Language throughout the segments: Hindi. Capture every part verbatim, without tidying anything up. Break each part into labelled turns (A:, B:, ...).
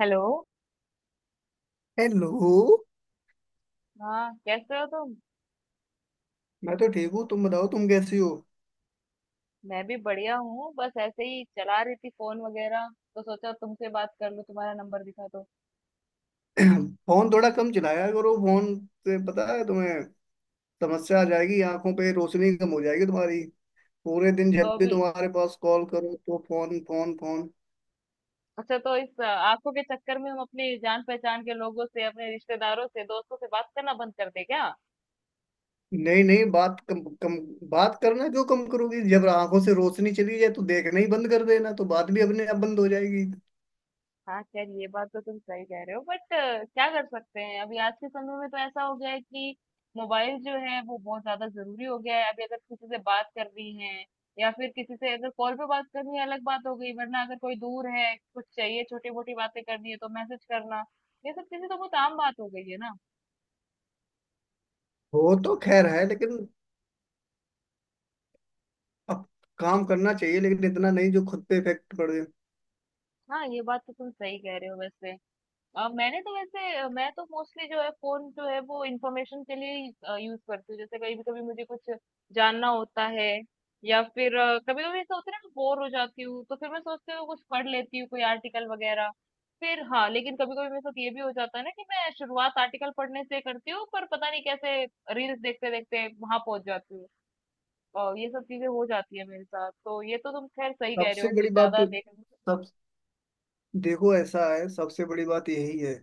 A: हेलो।
B: हेलो।
A: हाँ, कैसे हो तुम।
B: मैं तो ठीक हूँ, तुम बताओ तुम कैसी हो।
A: मैं भी बढ़िया हूँ, बस ऐसे ही चला रही थी फोन वगैरह, तो सोचा तुमसे बात कर लूँ, तुम्हारा नंबर दिखा तो।
B: फोन थोड़ा कम चलाया करो। फोन से पता है तुम्हें समस्या आ जाएगी, आंखों पे रोशनी कम हो जाएगी तुम्हारी। पूरे दिन जब
A: तो
B: भी
A: अभी।
B: तुम्हारे पास कॉल करो तो फोन, फोन, फोन।
A: अच्छा, तो इस अ, आंखों के चक्कर में हम अपनी जान पहचान के लोगों से, अपने रिश्तेदारों से, दोस्तों से बात करना बंद कर दे क्या।
B: नहीं नहीं, बात कम कम। बात करना क्यों कम करोगी? जब आंखों से रोशनी चली जाए तो देखना ही बंद कर देना, तो बात भी अपने आप बंद हो जाएगी।
A: हाँ खैर, ये बात तो तुम सही कह रहे हो, बट क्या कर सकते हैं, अभी आज के समय में तो ऐसा हो गया है कि मोबाइल जो है वो बहुत ज्यादा जरूरी हो गया है। अभी अगर किसी से बात करनी है, या फिर किसी से अगर कॉल पे बात करनी है अलग बात हो गई, वरना अगर कोई दूर है, कुछ चाहिए, छोटी मोटी बातें करनी है तो मैसेज करना, ये सब चीजें तो बहुत आम बात हो गई है ना।
B: हो तो खैर है, लेकिन अब काम करना चाहिए, लेकिन इतना नहीं जो खुद पे इफेक्ट पड़े।
A: हाँ, ये बात तो तुम सही कह रहे हो। वैसे अ, मैंने तो वैसे अ, मैं तो मोस्टली जो है फोन जो है वो इंफॉर्मेशन के लिए यूज करती हूँ, जैसे कभी भी, कभी मुझे कुछ जानना होता है, या फिर कभी कभी ऐसा होता है ना, बोर हो जाती हूँ तो फिर मैं सोचती हूँ, कुछ पढ़ लेती हूँ, कोई आर्टिकल वगैरह। फिर हाँ, लेकिन कभी कभी मेरे साथ ये भी हो जाता है ना कि मैं शुरुआत आर्टिकल पढ़ने से करती हूँ पर पता नहीं कैसे रील्स देखते देखते वहां पहुंच जाती हूँ। और ये सब चीजें हो जाती है मेरे साथ, तो ये तो तुम खैर सही कह रहे
B: सबसे
A: हो कि
B: बड़ी बात
A: ज्यादा
B: तो,
A: देखने।
B: सब, देखो ऐसा है, सबसे बड़ी बात यही है,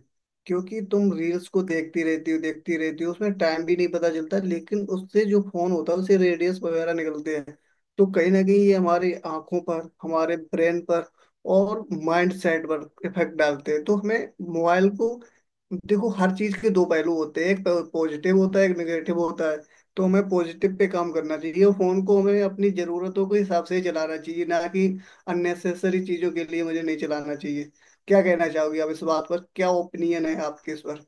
B: क्योंकि तुम रील्स को देखती रहती हो, देखती रहती हो, उसमें टाइम भी नहीं पता चलता। लेकिन उससे जो फोन होता है उससे रेडियस वगैरह निकलते हैं। तो कहीं ना कहीं ये हमारी आंखों पर, हमारे ब्रेन पर और माइंड सेट पर इफेक्ट डालते हैं। तो हमें मोबाइल को, देखो, हर चीज के दो पहलू होते हैं, एक पॉजिटिव होता है एक नेगेटिव होता है। तो हमें पॉजिटिव पे काम करना चाहिए और फोन को हमें अपनी जरूरतों के हिसाब से ही चलाना चाहिए, ना कि अननेसेसरी चीजों के लिए। मुझे नहीं चलाना चाहिए। क्या कहना चाहोगी आप इस बात पर, क्या ओपिनियन है आपके इस पर?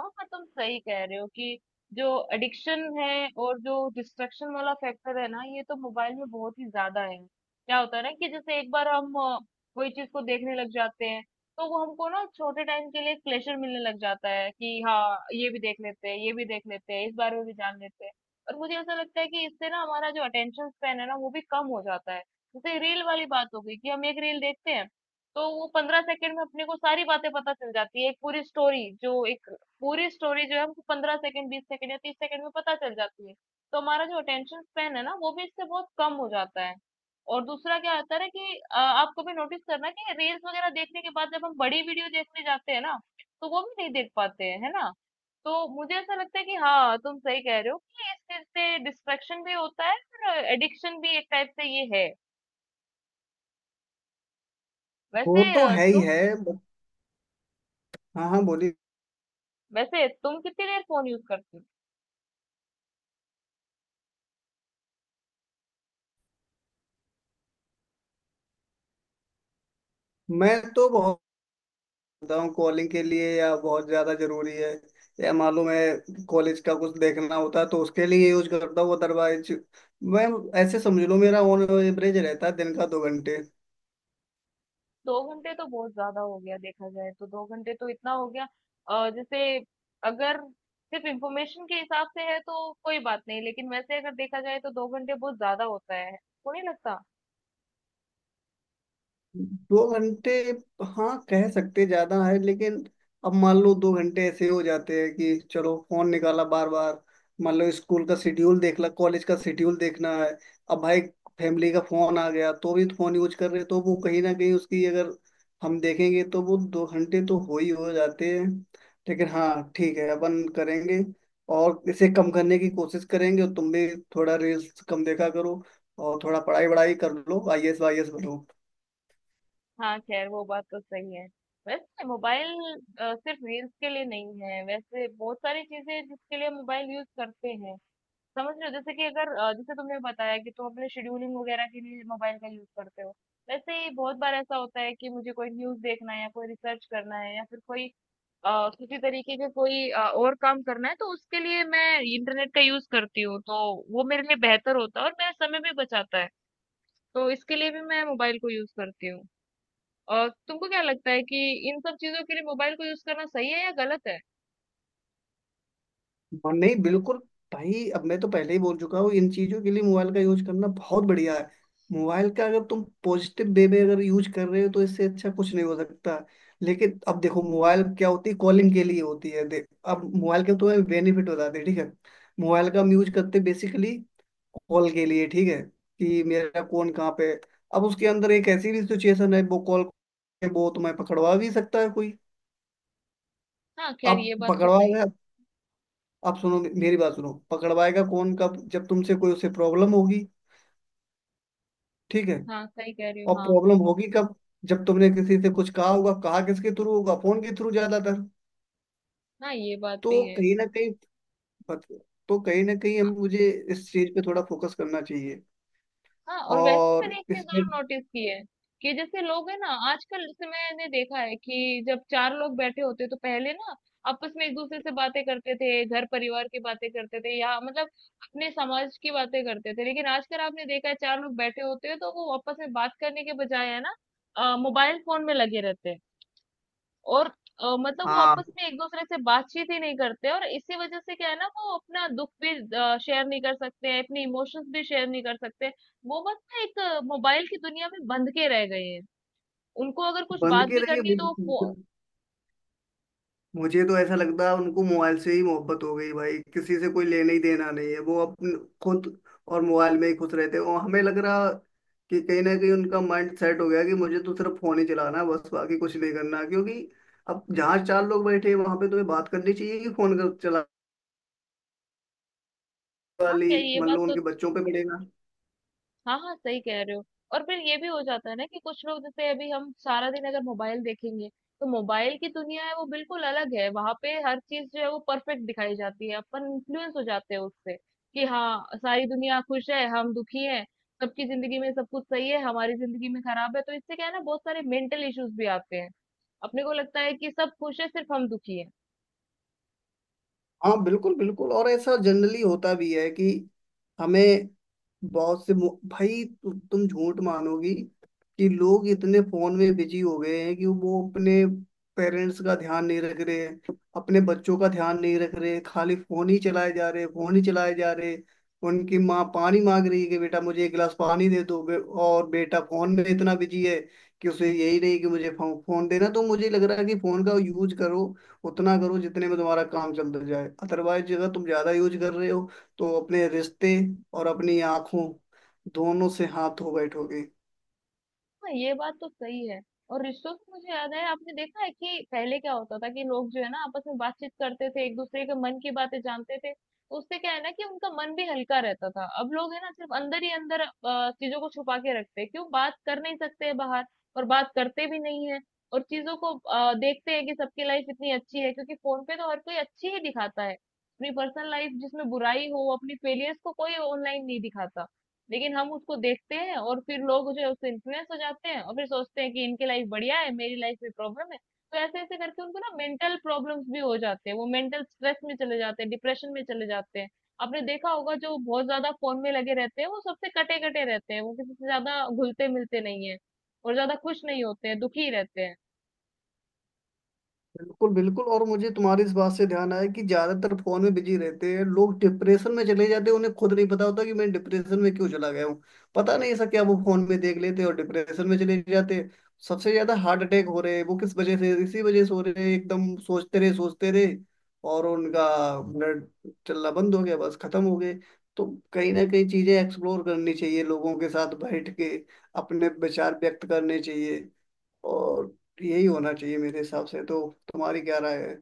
A: हाँ, पर तुम सही कह रहे हो कि जो एडिक्शन है और जो डिस्ट्रक्शन वाला फैक्टर है ना, ये तो मोबाइल में बहुत ही ज्यादा है। क्या होता है ना कि जैसे एक बार हम अ, कोई चीज को देखने लग जाते हैं, तो वो हमको ना छोटे टाइम के लिए प्लेजर मिलने लग जाता है कि हाँ ये भी देख लेते हैं, ये भी देख लेते हैं, इस बारे में भी जान लेते हैं। और मुझे ऐसा लगता है कि इससे ना हमारा जो अटेंशन स्पैन है ना, वो भी कम हो जाता है। जैसे रील वाली बात हो गई कि हम एक रील देखते हैं तो वो पंद्रह सेकंड में अपने को सारी बातें पता चल जाती है। एक पूरी स्टोरी जो एक पूरी स्टोरी जो है हमको पंद्रह सेकंड, बीस सेकंड या तीस सेकंड में पता चल जाती है। तो हमारा जो अटेंशन स्पैन है ना वो भी इससे बहुत कम हो जाता है। और दूसरा क्या होता है ना कि अ, आप कभी नोटिस करना कि रील्स वगैरह देखने के बाद जब हम बड़ी वीडियो देखने जाते हैं ना, तो वो भी नहीं देख पाते हैं, है ना। तो मुझे ऐसा लगता है कि हाँ, तुम सही कह रहे हो कि इस चीज से डिस्ट्रैक्शन भी होता है और एडिक्शन भी एक टाइप से ये है।
B: वो
A: वैसे
B: तो
A: अ,
B: है ही
A: तुम
B: है। but- हाँ हाँ, बोलिए।
A: वैसे तुम कितनी देर फोन यूज करती।
B: मैं तो बहुत करता हूँ कॉलिंग के लिए, या बहुत ज्यादा जरूरी है, या मालूम है कॉलेज का कुछ देखना होता है तो उसके लिए यूज करता हूँ। अदरवाइज मैं, ऐसे समझ लो, मेरा ऑन एवरेज रहता है दिन का दो घंटे,
A: दो घंटे तो बहुत ज्यादा हो गया, देखा जाए तो दो घंटे तो इतना हो गया। अ, जैसे अगर सिर्फ इंफॉर्मेशन के हिसाब से है तो कोई बात नहीं, लेकिन वैसे अगर देखा जाए तो दो घंटे बहुत ज्यादा होता है, को नहीं लगता।
B: दो घंटे, हाँ कह सकते ज्यादा है, लेकिन अब मान लो दो घंटे ऐसे हो जाते हैं कि चलो फोन निकाला बार बार। मान लो स्कूल का शेड्यूल देख ला, कॉलेज का शेड्यूल देखना है। अब भाई फैमिली का फोन आ गया तो भी फोन यूज कर रहे, तो वो कहीं ना कहीं उसकी अगर हम देखेंगे तो वो दो घंटे तो हो ही हो जाते हैं। लेकिन हाँ ठीक है, अपन करेंगे और इसे कम करने की कोशिश करेंगे। और तुम भी थोड़ा रील्स कम देखा करो और थोड़ा पढ़ाई वढ़ाई कर लो, आईएएस वाईएएस बनो।
A: हाँ खैर वो बात तो सही है। वैसे मोबाइल सिर्फ रील्स के लिए नहीं है, वैसे बहुत सारी चीजें हैं जिसके लिए मोबाइल यूज करते हैं, समझ रहे हो। जैसे कि अगर अ, जैसे तुमने बताया कि तुम अपने शेड्यूलिंग वगैरह के लिए मोबाइल का यूज करते हो, वैसे ही बहुत बार ऐसा होता है कि मुझे कोई न्यूज देखना है, या कोई रिसर्च करना है, या फिर कोई अ, किसी तरीके के कोई अ, और काम करना है, तो उसके लिए मैं इंटरनेट का यूज करती हूँ, तो वो मेरे लिए बेहतर होता है और मेरा समय भी बचाता है, तो इसके लिए भी मैं मोबाइल को यूज करती हूँ। और तुमको क्या लगता है कि इन सब चीजों के लिए मोबाइल को यूज करना सही है या गलत है।
B: और नहीं, बिल्कुल भाई, अब मैं तो पहले ही बोल चुका हूँ, इन चीजों के लिए मोबाइल का यूज करना बहुत बढ़िया है। मोबाइल का अगर तुम पॉजिटिव वे में अगर यूज कर रहे हो तो इससे अच्छा कुछ नहीं हो सकता। लेकिन अब देखो, मोबाइल क्या होती है? कॉलिंग के लिए होती है। देख, अब मोबाइल के तो तुम्हें बेनिफिट बताते हैं, ठीक है। मोबाइल का हम यूज करते बेसिकली कॉल के लिए, ठीक है, कि मेरा कौन कहाँ पे है। अब उसके अंदर एक ऐसी भी सिचुएशन है, वो कॉल वो तुम्हें पकड़वा भी सकता है कोई।
A: हाँ खैर,
B: अब
A: ये बात तो
B: पकड़वा
A: सही
B: गया।
A: है।
B: आप सुनो, मे- मेरी बात सुनो, पकड़वाएगा कौन, कब? जब तुमसे कोई उसे प्रॉब्लम होगी, ठीक है।
A: हाँ सही कह रही
B: और
A: हो, हाँ।
B: प्रॉब्लम होगी कब? जब तुमने किसी से कुछ कहा होगा, कहा किसके थ्रू होगा, फोन के थ्रू ज्यादातर।
A: हाँ, ये बात
B: तो
A: भी है।
B: कहीं ना कहीं, पत- तो कहीं ना कहीं, हम, मुझे इस चीज पे थोड़ा फोकस करना चाहिए,
A: हाँ, और वैसे
B: और
A: मैंने एक चीज
B: इसमें।
A: और नोटिस की है कि जैसे लोग है ना आजकल, जैसे मैंने देखा है कि जब चार लोग बैठे होते तो पहले ना आपस में एक दूसरे से बातें करते थे, घर परिवार की बातें करते थे, या मतलब अपने समाज की बातें करते थे। लेकिन आजकल आपने देखा है, चार लोग बैठे होते हैं तो वो आपस में बात करने के बजाय, है ना, अ, मोबाइल फोन में लगे रहते हैं, और अ, मतलब वो
B: हाँ,
A: आपस में एक दूसरे से बातचीत ही नहीं करते, और इसी वजह से क्या है ना, वो अपना दुख भी शेयर नहीं कर सकते हैं, अपने इमोशंस भी शेयर नहीं कर सकते। वो बस ना एक मोबाइल की दुनिया में बंध के रह गए हैं। उनको अगर कुछ
B: बंद
A: बात
B: के
A: भी करनी है तो वो फो-
B: रहिए। मुझे तो ऐसा लगता है उनको मोबाइल से ही मोहब्बत हो गई भाई, किसी से कोई लेना ही देना नहीं है, वो अपन, खुद और मोबाइल में ही खुश रहते हैं। और हमें लग रहा कि कहीं ना कहीं उनका माइंड सेट हो गया कि मुझे तो सिर्फ फोन ही चलाना है, बस बाकी कुछ नहीं करना, क्योंकि अब जहाँ चार लोग बैठे हैं वहां पे तुम्हें बात करनी चाहिए, कि फोन कर चला
A: हाँ,
B: वाली,
A: क्या, ये
B: मान
A: बात
B: लो
A: तो।
B: उनके बच्चों पे पड़ेगा।
A: हाँ हाँ सही कह रहे हो। और फिर ये भी हो जाता है ना कि कुछ लोग, जैसे अभी हम सारा दिन अगर मोबाइल देखेंगे, तो मोबाइल की दुनिया है वो बिल्कुल अलग है, वहां पे हर चीज जो है वो परफेक्ट दिखाई जाती है, अपन इन्फ्लुएंस हो जाते हैं उससे कि हाँ, सारी दुनिया खुश है हम दुखी हैं, सबकी जिंदगी में सब कुछ सही है, हमारी जिंदगी में खराब है, तो इससे क्या है ना, बहुत सारे मेंटल इश्यूज भी आते हैं। अपने को लगता है कि सब खुश है सिर्फ हम दुखी हैं।
B: हाँ बिल्कुल बिल्कुल, और ऐसा जनरली होता भी है कि हमें बहुत से मु- भाई तु, तुम झूठ मानोगी कि लोग इतने फोन में बिजी हो गए हैं कि वो अपने पेरेंट्स का ध्यान नहीं रख रहे हैं, अपने बच्चों का ध्यान नहीं रख रहे, खाली फोन ही चलाए जा रहे, फोन ही चलाए जा रहे। उनकी माँ पानी मांग रही है कि बेटा मुझे एक गिलास पानी दे दो, बे- और बेटा फोन में इतना बिजी है कि उसे यही नहीं कि मुझे फो- फोन देना। तो मुझे लग रहा है कि फोन का यूज करो, उतना करो जितने में तुम्हारा काम चलता जाए। अदरवाइज अगर तुम ज्यादा यूज कर रहे हो तो अपने रिश्ते और अपनी आंखों दोनों से हाथ धो बैठोगे।
A: हाँ, ये बात तो सही है। और रिश्तों से मुझे याद है, आपने देखा है कि पहले क्या होता था कि लोग जो है ना आपस में बातचीत करते थे, एक दूसरे के मन की बातें जानते थे, तो उससे क्या है ना कि उनका मन भी हल्का रहता था। अब लोग है ना सिर्फ अंदर ही अंदर अ, चीजों को छुपा के रखते हैं, क्यों बात कर नहीं सकते हैं बाहर, और बात करते भी नहीं है, और चीजों को अ, देखते हैं कि सबकी लाइफ इतनी अच्छी है, क्योंकि फोन पे तो हर कोई अच्छी ही दिखाता है अपनी पर्सनल लाइफ, जिसमें बुराई हो, अपनी फेलियर्स को कोई ऑनलाइन नहीं दिखाता। लेकिन हम उसको देखते हैं, और फिर लोग जो है उससे इन्फ्लुएंस हो जाते हैं, और फिर सोचते हैं कि इनकी लाइफ बढ़िया है, मेरी लाइफ में प्रॉब्लम है। तो ऐसे ऐसे करके उनको ना मेंटल प्रॉब्लम्स भी हो जाते हैं, वो मेंटल स्ट्रेस में चले जाते हैं, डिप्रेशन में चले जाते हैं। आपने देखा होगा जो बहुत ज्यादा फोन में लगे रहते हैं वो सबसे कटे कटे रहते हैं, वो किसी से ज्यादा घुलते मिलते नहीं है, और ज्यादा खुश नहीं होते हैं, दुखी रहते हैं।
B: बिल्कुल बिल्कुल, और मुझे तुम्हारी इस बात से ध्यान आया कि ज्यादातर फोन में बिजी रहते हैं लोग, डिप्रेशन में चले जाते हैं, उन्हें खुद नहीं पता होता कि मैं डिप्रेशन में क्यों चला गया हूँ। पता नहीं ऐसा क्या वो फोन में देख लेते हैं और डिप्रेशन में चले जाते हैं। सबसे ज्यादा हार्ट अटैक हो रहे हैं, वो किस वजह से? इसी वजह से हो रहे हैं। एकदम सोचते रहे, सोचते रहे, और उनका ब्लड चलना बंद हो गया, बस खत्म हो गए। तो कहीं ना कहीं चीजें एक्सप्लोर करनी चाहिए लोगों के साथ बैठ के, अपने विचार व्यक्त करने चाहिए, और यही होना चाहिए मेरे हिसाब से तो। तुम्हारी क्या राय है?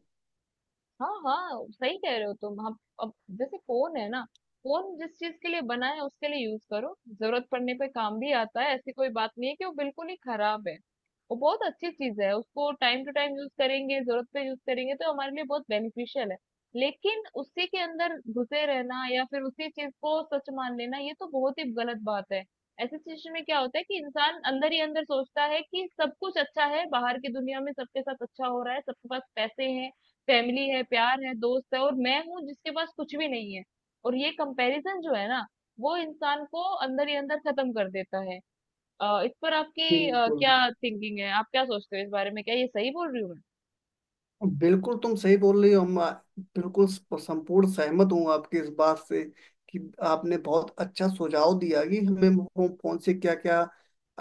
A: हाँ हाँ, सही कह रहे हो तुम। हम अब जैसे, फोन है ना, फोन जिस चीज के लिए बना है उसके लिए यूज करो, जरूरत पड़ने पे काम भी आता है, ऐसी कोई बात नहीं है कि वो बिल्कुल ही खराब है। वो बहुत अच्छी चीज है, उसको टाइम टू टाइम यूज करेंगे, जरूरत पे यूज करेंगे तो हमारे लिए बहुत बेनिफिशियल है। लेकिन उसी के अंदर घुसे रहना, या फिर उसी चीज को सच मान लेना, ये तो बहुत ही गलत बात है। ऐसी सिचुएशन में क्या होता है कि इंसान अंदर ही अंदर सोचता है कि सब कुछ अच्छा है, बाहर की दुनिया में सबके साथ अच्छा हो रहा है, सबके पास पैसे हैं, फैमिली है, प्यार है, दोस्त है, और मैं हूँ जिसके पास कुछ भी नहीं है, और ये कंपैरिजन जो है ना वो इंसान को अंदर ही अंदर खत्म कर देता है। अ, इस पर आपकी अ,
B: बिल्कुल
A: क्या थिंकिंग है, आप क्या सोचते हो इस बारे में, क्या ये सही बोल रही हूँ।
B: बिल्कुल तुम सही बोल रही हो। हम आ- बिल्कुल स- संपूर्ण सहमत हूँ आपकी इस बात से कि आपने बहुत अच्छा सुझाव दिया कि हमें फोन, फोन से क्या क्या,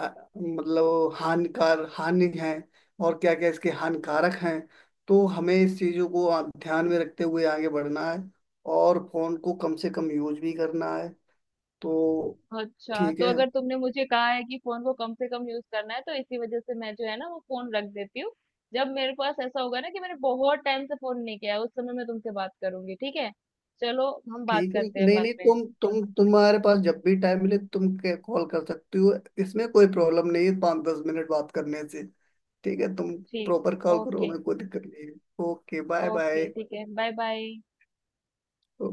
B: मतलब हानिकार हानि है, और क्या क्या इसके हानिकारक हैं। तो हमें इस चीज़ों को आ- ध्यान में रखते हुए आगे बढ़ना है, और फोन को कम से कम यूज भी करना है, तो।
A: मैं, अच्छा,
B: ठीक
A: तो
B: है।
A: अगर तुमने मुझे कहा है कि फोन को कम से कम यूज करना है, तो इसी वजह से मैं जो है ना वो फोन रख देती हूँ। जब मेरे पास ऐसा होगा ना कि मैंने बहुत टाइम से फोन नहीं किया है उस समय मैं तुमसे बात करूंगी, ठीक है। चलो हम बात
B: ठीक है,
A: करते हैं
B: नहीं
A: बाद
B: नहीं,
A: में।
B: तुम तुम तुम्हारे पास जब भी टाइम मिले तुम कॉल कर सकती हो। इसमें कोई प्रॉब्लम नहीं है, पाँच दस मिनट बात करने से। ठीक है, तुम
A: ठीक।
B: प्रॉपर कॉल करो,
A: ओके।
B: हमें कोई दिक्कत नहीं है। Okay, bye
A: okay,
B: bye.
A: ठीक है, बाय बाय।